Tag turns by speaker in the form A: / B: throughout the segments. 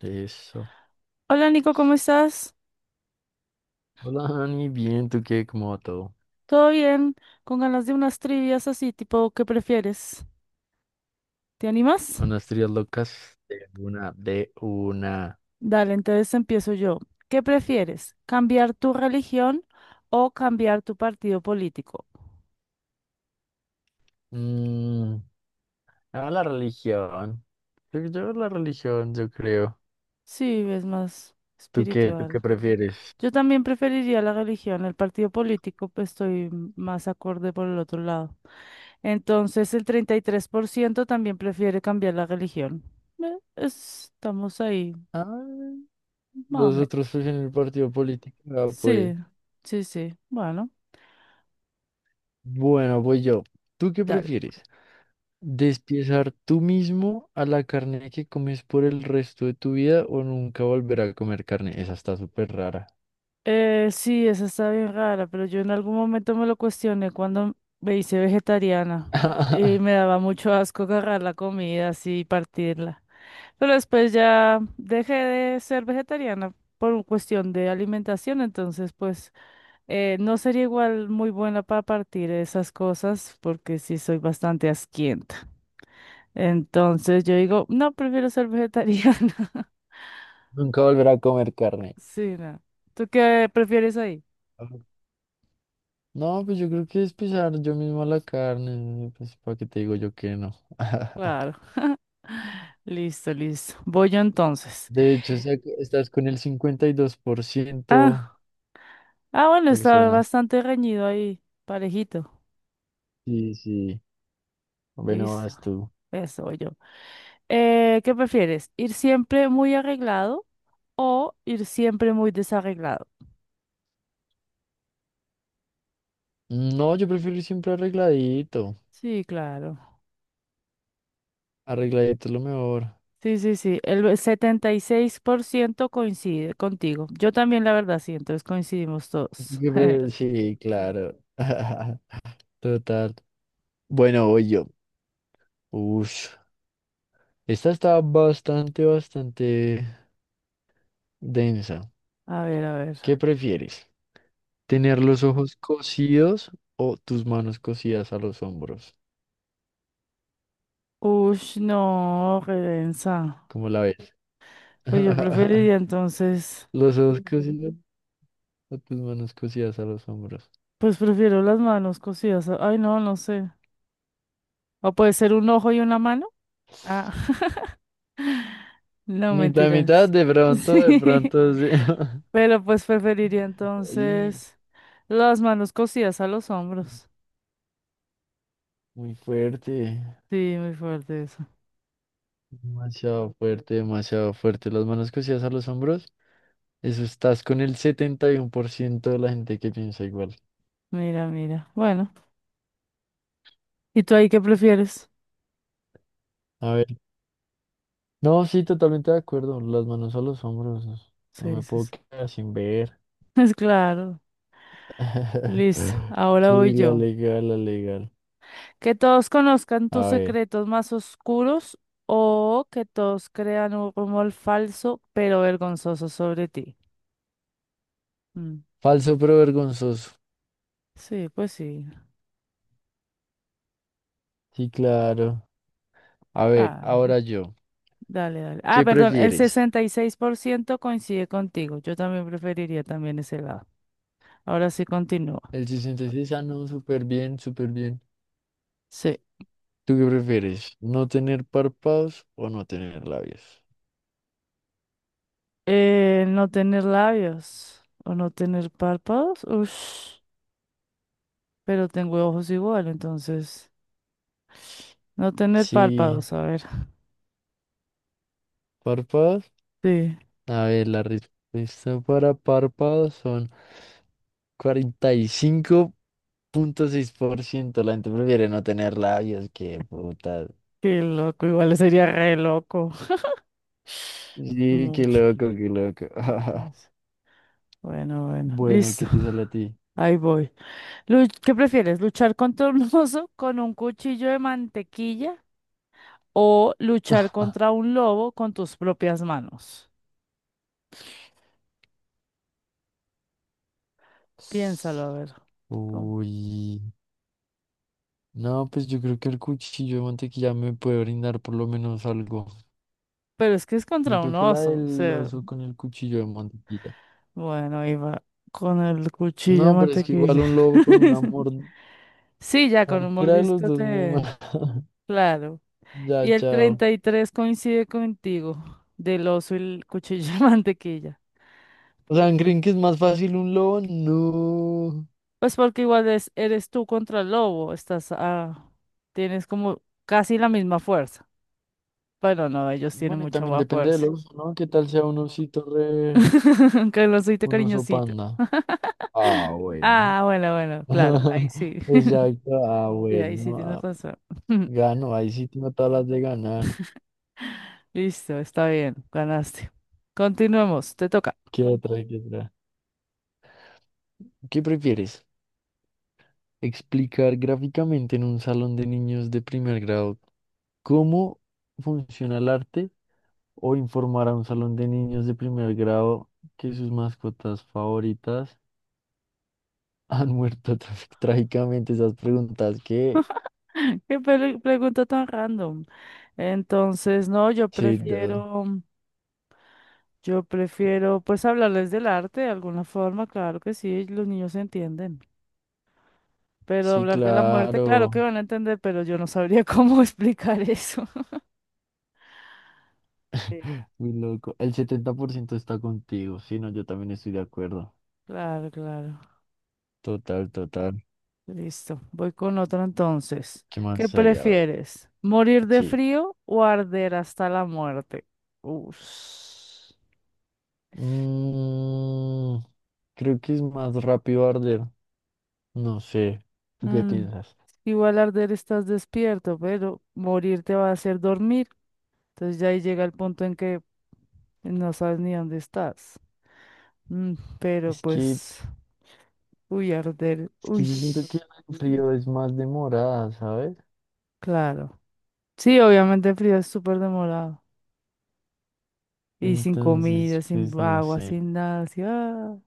A: Eso.
B: Hola Nico, ¿cómo estás?
A: Hola, Dani, bien, ¿tú qué? ¿Cómo va todo?
B: ¿Todo bien? Con ganas de unas trivias así, tipo, ¿qué prefieres? ¿Te animas?
A: Unas teorías locas de una, de una.
B: Dale, entonces empiezo yo. ¿Qué prefieres? ¿Cambiar tu religión o cambiar tu partido político?
A: Mm, ah, la religión. Yo la religión, yo creo.
B: Sí, es más
A: ¿Tú qué? ¿Tú qué
B: espiritual.
A: prefieres?
B: Yo también preferiría la religión, el partido político, pues estoy más acorde por el otro lado. Entonces, el 33% también prefiere cambiar la religión. Estamos ahí,
A: Ah,
B: más o
A: los otros
B: menos.
A: prefieren el partido político. Ah,
B: Sí,
A: pues.
B: sí, sí. Bueno,
A: Bueno, voy yo. ¿Tú qué
B: dale.
A: prefieres? ¿Despiezar tú mismo a la carne que comes por el resto de tu vida o nunca volver a comer carne? Esa está súper rara.
B: Sí, esa está bien rara, pero yo en algún momento me lo cuestioné cuando me hice vegetariana y me daba mucho asco agarrar la comida así y partirla. Pero después ya dejé de ser vegetariana por un cuestión de alimentación, entonces pues no sería igual muy buena para partir esas cosas porque sí soy bastante asquienta. Entonces yo digo, no, prefiero ser vegetariana.
A: Nunca volver a comer carne.
B: Sí, no. ¿Tú qué prefieres ahí?
A: No, pues yo creo que es pisar yo mismo la carne, pues para qué te digo yo que no.
B: Claro. Listo, listo. Voy yo entonces.
A: De hecho, estás con el 52%
B: Ah, ah, bueno, está
A: personas.
B: bastante reñido ahí, parejito.
A: Sí, sí. Bueno,
B: Listo.
A: vas tú.
B: Eso voy yo. ¿Qué prefieres? ¿Ir siempre muy arreglado o ir siempre muy desarreglado?
A: No, yo prefiero ir siempre arregladito.
B: Sí, claro.
A: Arregladito es lo mejor.
B: Sí, sí, sí. El 76% coincide contigo. Yo también, la verdad, sí. Entonces coincidimos todos.
A: Sí, claro. Total. Bueno, voy yo. Ush. Esta está bastante, bastante densa.
B: A ver, a
A: ¿Qué
B: ver.
A: prefieres? Tener los ojos cosidos o tus manos cosidas a los hombros.
B: Ush, no, redensa.
A: ¿Cómo la ves?
B: Pues yo preferiría entonces,
A: Los ojos cosidos o tus manos cosidas a los hombros.
B: pues prefiero las manos cosidas. Ay, no, no sé. O puede ser un ojo y una mano. Ah, no
A: Mitad, mitad,
B: mentiras.
A: de
B: Sí.
A: pronto, sí.
B: Pero pues preferiría
A: Ay,
B: entonces las manos cosidas a los hombros.
A: muy fuerte.
B: Sí, muy fuerte eso.
A: Demasiado fuerte, demasiado fuerte. Las manos cosidas a los hombros. Eso estás con el 71% de la gente que piensa igual.
B: Mira, mira. Bueno, ¿y tú ahí qué prefieres?
A: A ver. No, sí, totalmente de acuerdo. Las manos a los hombros. No
B: Sí,
A: me
B: sí,
A: puedo
B: sí.
A: quedar sin ver.
B: Es claro. Listo. Ahora
A: Sí,
B: voy
A: la
B: yo.
A: legal, la legal.
B: Que todos conozcan tus
A: A ver,
B: secretos más oscuros o que todos crean un rumor falso pero vergonzoso sobre ti. Mm,
A: falso pero vergonzoso.
B: Sí, pues sí.
A: Sí, claro. A ver,
B: Claro.
A: ahora yo.
B: Dale, dale. Ah,
A: ¿Qué
B: perdón, el
A: prefieres?
B: 66% coincide contigo. Yo también preferiría también ese lado. Ahora sí continúa.
A: El 66, ah, no, súper bien, súper bien.
B: Sí.
A: ¿Tú qué prefieres? ¿No tener párpados o no tener labios?
B: No tener labios o no tener párpados. Ush, pero tengo ojos igual, entonces. No tener
A: Sí,
B: párpados, a ver.
A: párpados.
B: Sí.
A: A ver, la respuesta para párpados son 45.6%. La gente prefiere no tener labios, qué puta.
B: Qué loco, igual sería re loco.
A: Sí, qué
B: Mucho.
A: loco, qué loco.
B: Pues. Bueno, bueno.
A: Bueno,
B: Listo.
A: ¿qué te sale a ti?
B: Ahí voy. ¿Qué prefieres? ¿Luchar contra un oso con un cuchillo de mantequilla o luchar contra un lobo con tus propias manos? Piénsalo, a ver. ¿Cómo?
A: Uy. No, pues yo creo que el cuchillo de mantequilla me puede brindar por lo menos algo.
B: Pero es que es
A: Yo
B: contra un
A: creo que la
B: oso. O
A: del
B: sea,
A: oso con el cuchillo de mantequilla.
B: bueno, iba con el cuchillo de
A: No, pero es que igual
B: mantequilla.
A: un lobo con un amor.
B: Sí, ya con un
A: Cualquiera de los
B: mordisco
A: dos me
B: te...
A: ma-
B: Claro.
A: Ya,
B: Y el
A: chao.
B: 33% coincide contigo, del oso y el cuchillo de mantequilla.
A: O sea, ¿creen que es más fácil un lobo? No.
B: Pues porque igual eres tú contra el lobo, estás ah, tienes como casi la misma fuerza. Bueno, no, ellos tienen
A: Bueno, y
B: mucho
A: también
B: más
A: depende del
B: fuerza.
A: oso, ¿no? ¿Qué tal sea un osito re...
B: Aunque el osito
A: un oso
B: cariñosito.
A: panda? Ah, bueno.
B: Ah, bueno, bueno, claro, ahí sí.
A: Exacto, ah,
B: Sí, ahí sí tienes
A: bueno.
B: razón.
A: Gano, ahí sí tengo todas las de ganar.
B: Listo, está bien, ganaste. Continuemos, te toca.
A: ¿Qué otra? ¿Qué otra? ¿Qué prefieres? ¿Explicar gráficamente en un salón de niños de primer grado cómo funciona el arte o informar a un salón de niños de primer grado que sus mascotas favoritas han muerto tra- trágicamente? Esas preguntas que...
B: Qué pregunta tan random. Entonces, no, yo
A: Sí, da-
B: prefiero. Yo prefiero, pues, hablarles del arte de alguna forma, claro que sí, los niños entienden. Pero
A: sí,
B: hablar de la muerte, claro
A: claro.
B: que van a entender, pero yo no sabría cómo explicar eso. Sí.
A: Muy loco. El 70% está contigo. Sí, no, yo también estoy de acuerdo.
B: Claro, claro.
A: Total, total.
B: Listo. Voy con otro entonces.
A: ¿Qué
B: ¿Qué
A: más hay? A ver.
B: prefieres? ¿Morir de
A: Sí.
B: frío o arder hasta la muerte? Uf.
A: Mm, Creo que es más rápido arder. No sé. ¿Tú qué
B: Mm,
A: piensas?
B: Igual arder estás despierto, pero morir te va a hacer dormir. Entonces ya ahí llega el punto en que no sabes ni dónde estás. Mm, pero
A: Es que,
B: pues, uy, arder,
A: es que
B: uy,
A: yo siento que el frío es más demorada, ¿sabes?
B: claro. Sí, obviamente el frío es súper demorado. Y sin
A: Entonces,
B: comida, sin
A: pues no
B: agua,
A: sé.
B: sin nada, así. Ah.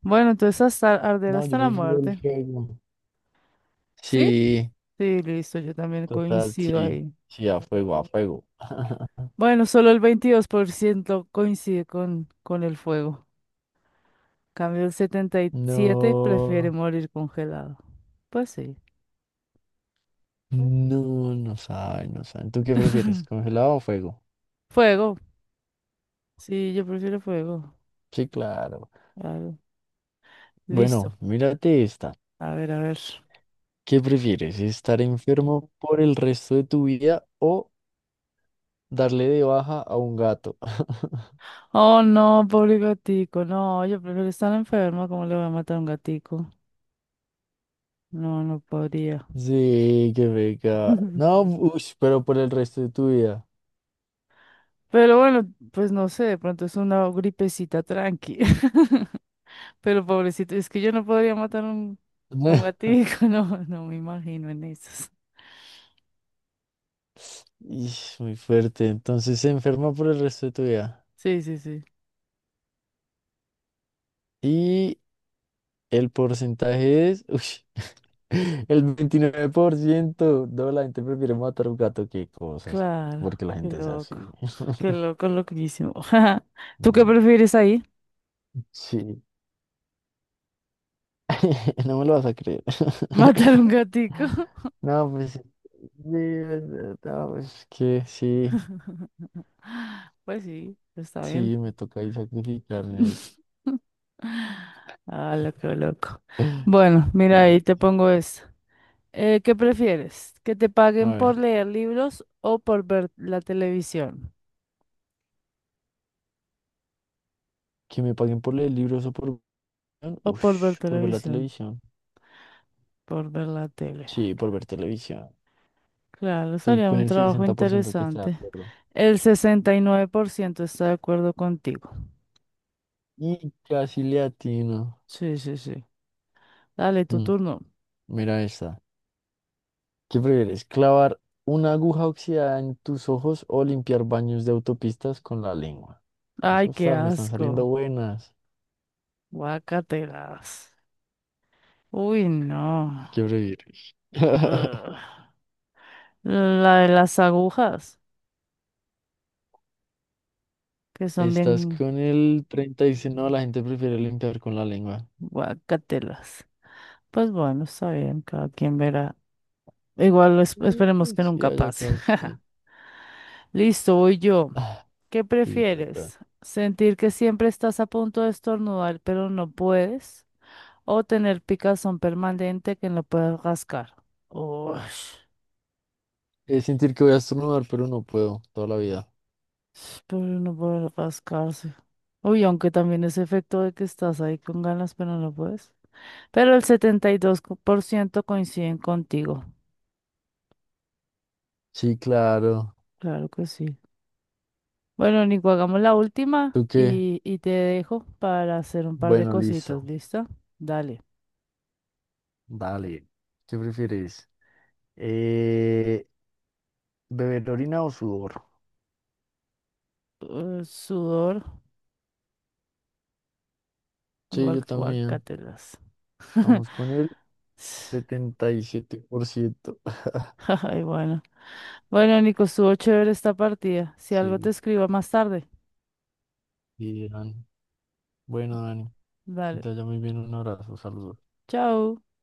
B: Bueno, entonces hasta arder
A: No,
B: hasta
A: yo
B: la
A: prefiero el
B: muerte.
A: fuego.
B: ¿Sí?
A: Sí,
B: Sí, listo, yo también
A: total,
B: coincido
A: sí.
B: ahí.
A: Sí, a fuego, a fuego.
B: Bueno, solo el 22% coincide con el fuego. Cambio el 77% prefiere
A: No,
B: morir congelado. Pues sí.
A: no, no saben, no saben. ¿Tú qué prefieres? ¿Congelado o fuego?
B: Fuego. Sí, yo prefiero fuego.
A: Sí, claro.
B: Claro. Listo.
A: Bueno, mírate esta.
B: A ver, a ver.
A: ¿Qué prefieres? ¿Estar enfermo por el resto de tu vida o darle de baja a un gato?
B: Oh, no, pobre gatico. No, yo prefiero estar enferma. ¿Cómo le voy a matar a un gatico? No, no podría.
A: Sí, qué beca. No, ush, pero por el resto de tu vida.
B: Pero bueno, pues no sé, de pronto es una gripecita tranqui. Pero pobrecito, es que yo no podría matar un gatico. No, no me imagino en esas.
A: Ish, muy fuerte. Entonces se enferma por el resto de tu vida.
B: Sí, sí, sí.
A: Y el porcentaje es, ush, el 29%. No, la gente prefiere matar a un gato que cosas.
B: Claro,
A: Porque la
B: qué
A: gente es
B: loco.
A: así.
B: Qué loco, loquísimo. ¿Tú qué
A: No.
B: prefieres ahí?
A: Sí. No me lo vas a creer.
B: ¿Matar un gatico?
A: No, pues, sí, no, pues es que sí,
B: Pues sí, está bien.
A: sí, me toca ahí sacrificarme ahí.
B: Ah, loco, loco. Bueno, mira,
A: Sí,
B: ahí te pongo esto. ¿Qué prefieres? ¿Que te paguen
A: a
B: por
A: ver,
B: leer libros o por ver la televisión?
A: que me paguen por leer libros o por,
B: O por ver
A: ush, por ver la
B: televisión,
A: televisión.
B: por ver la tele.
A: Sí, por ver televisión.
B: Claro,
A: Estoy
B: sería
A: con
B: un
A: el
B: trabajo
A: 60% que está de
B: interesante.
A: acuerdo.
B: El 69% está de acuerdo contigo.
A: Y casi le atino.
B: Sí, sí, sí. Dale, tu
A: Mm,
B: turno.
A: Mira esta. ¿Qué prefieres? ¿Clavar una aguja oxidada en tus ojos o limpiar baños de autopistas con la lengua?
B: Ay,
A: Eso
B: qué
A: está, me están saliendo
B: asco.
A: buenas.
B: Guacatelas. Uy, no.
A: ¿Qué prefieres?
B: Ugh. La de las agujas, que son
A: Estás
B: bien.
A: con el 36. No, la gente prefiere limpiar con la lengua.
B: Guacatelas. Pues bueno, está bien, cada quien verá. Esperemos
A: Ay,
B: que
A: sí,
B: nunca
A: allá
B: pase.
A: acá quien.
B: Listo, voy yo.
A: Ah,
B: ¿Qué
A: sí, tata.
B: prefieres? ¿Sentir que siempre estás a punto de estornudar, pero no puedes? ¿O tener picazón permanente que no puedes rascar? Ush,
A: Es sentir que voy a estornudar, pero no puedo toda la vida.
B: pero no puedes rascarse. Uy, aunque también ese efecto de que estás ahí con ganas, pero no puedes. Pero el 72% coinciden contigo.
A: Sí, claro.
B: Claro que sí. Bueno, Nico, hagamos la última
A: ¿Tú qué?
B: y, te dejo para hacer un par de
A: Bueno,
B: cositas,
A: listo.
B: ¿listo? Dale.
A: Dale. ¿Qué prefieres? Eh, ¿Beber orina o sudor?
B: Sudor,
A: Sí,
B: igual
A: yo
B: que
A: también.
B: guacatelas.
A: Estamos con el 77%.
B: Ay, bueno. Bueno, Nico, estuvo chévere esta partida. Si algo te
A: Sí,
B: escribo más tarde.
A: y Dani. Bueno, Dani, que
B: Dale.
A: te vaya muy bien. Un abrazo, saludos.
B: Chao.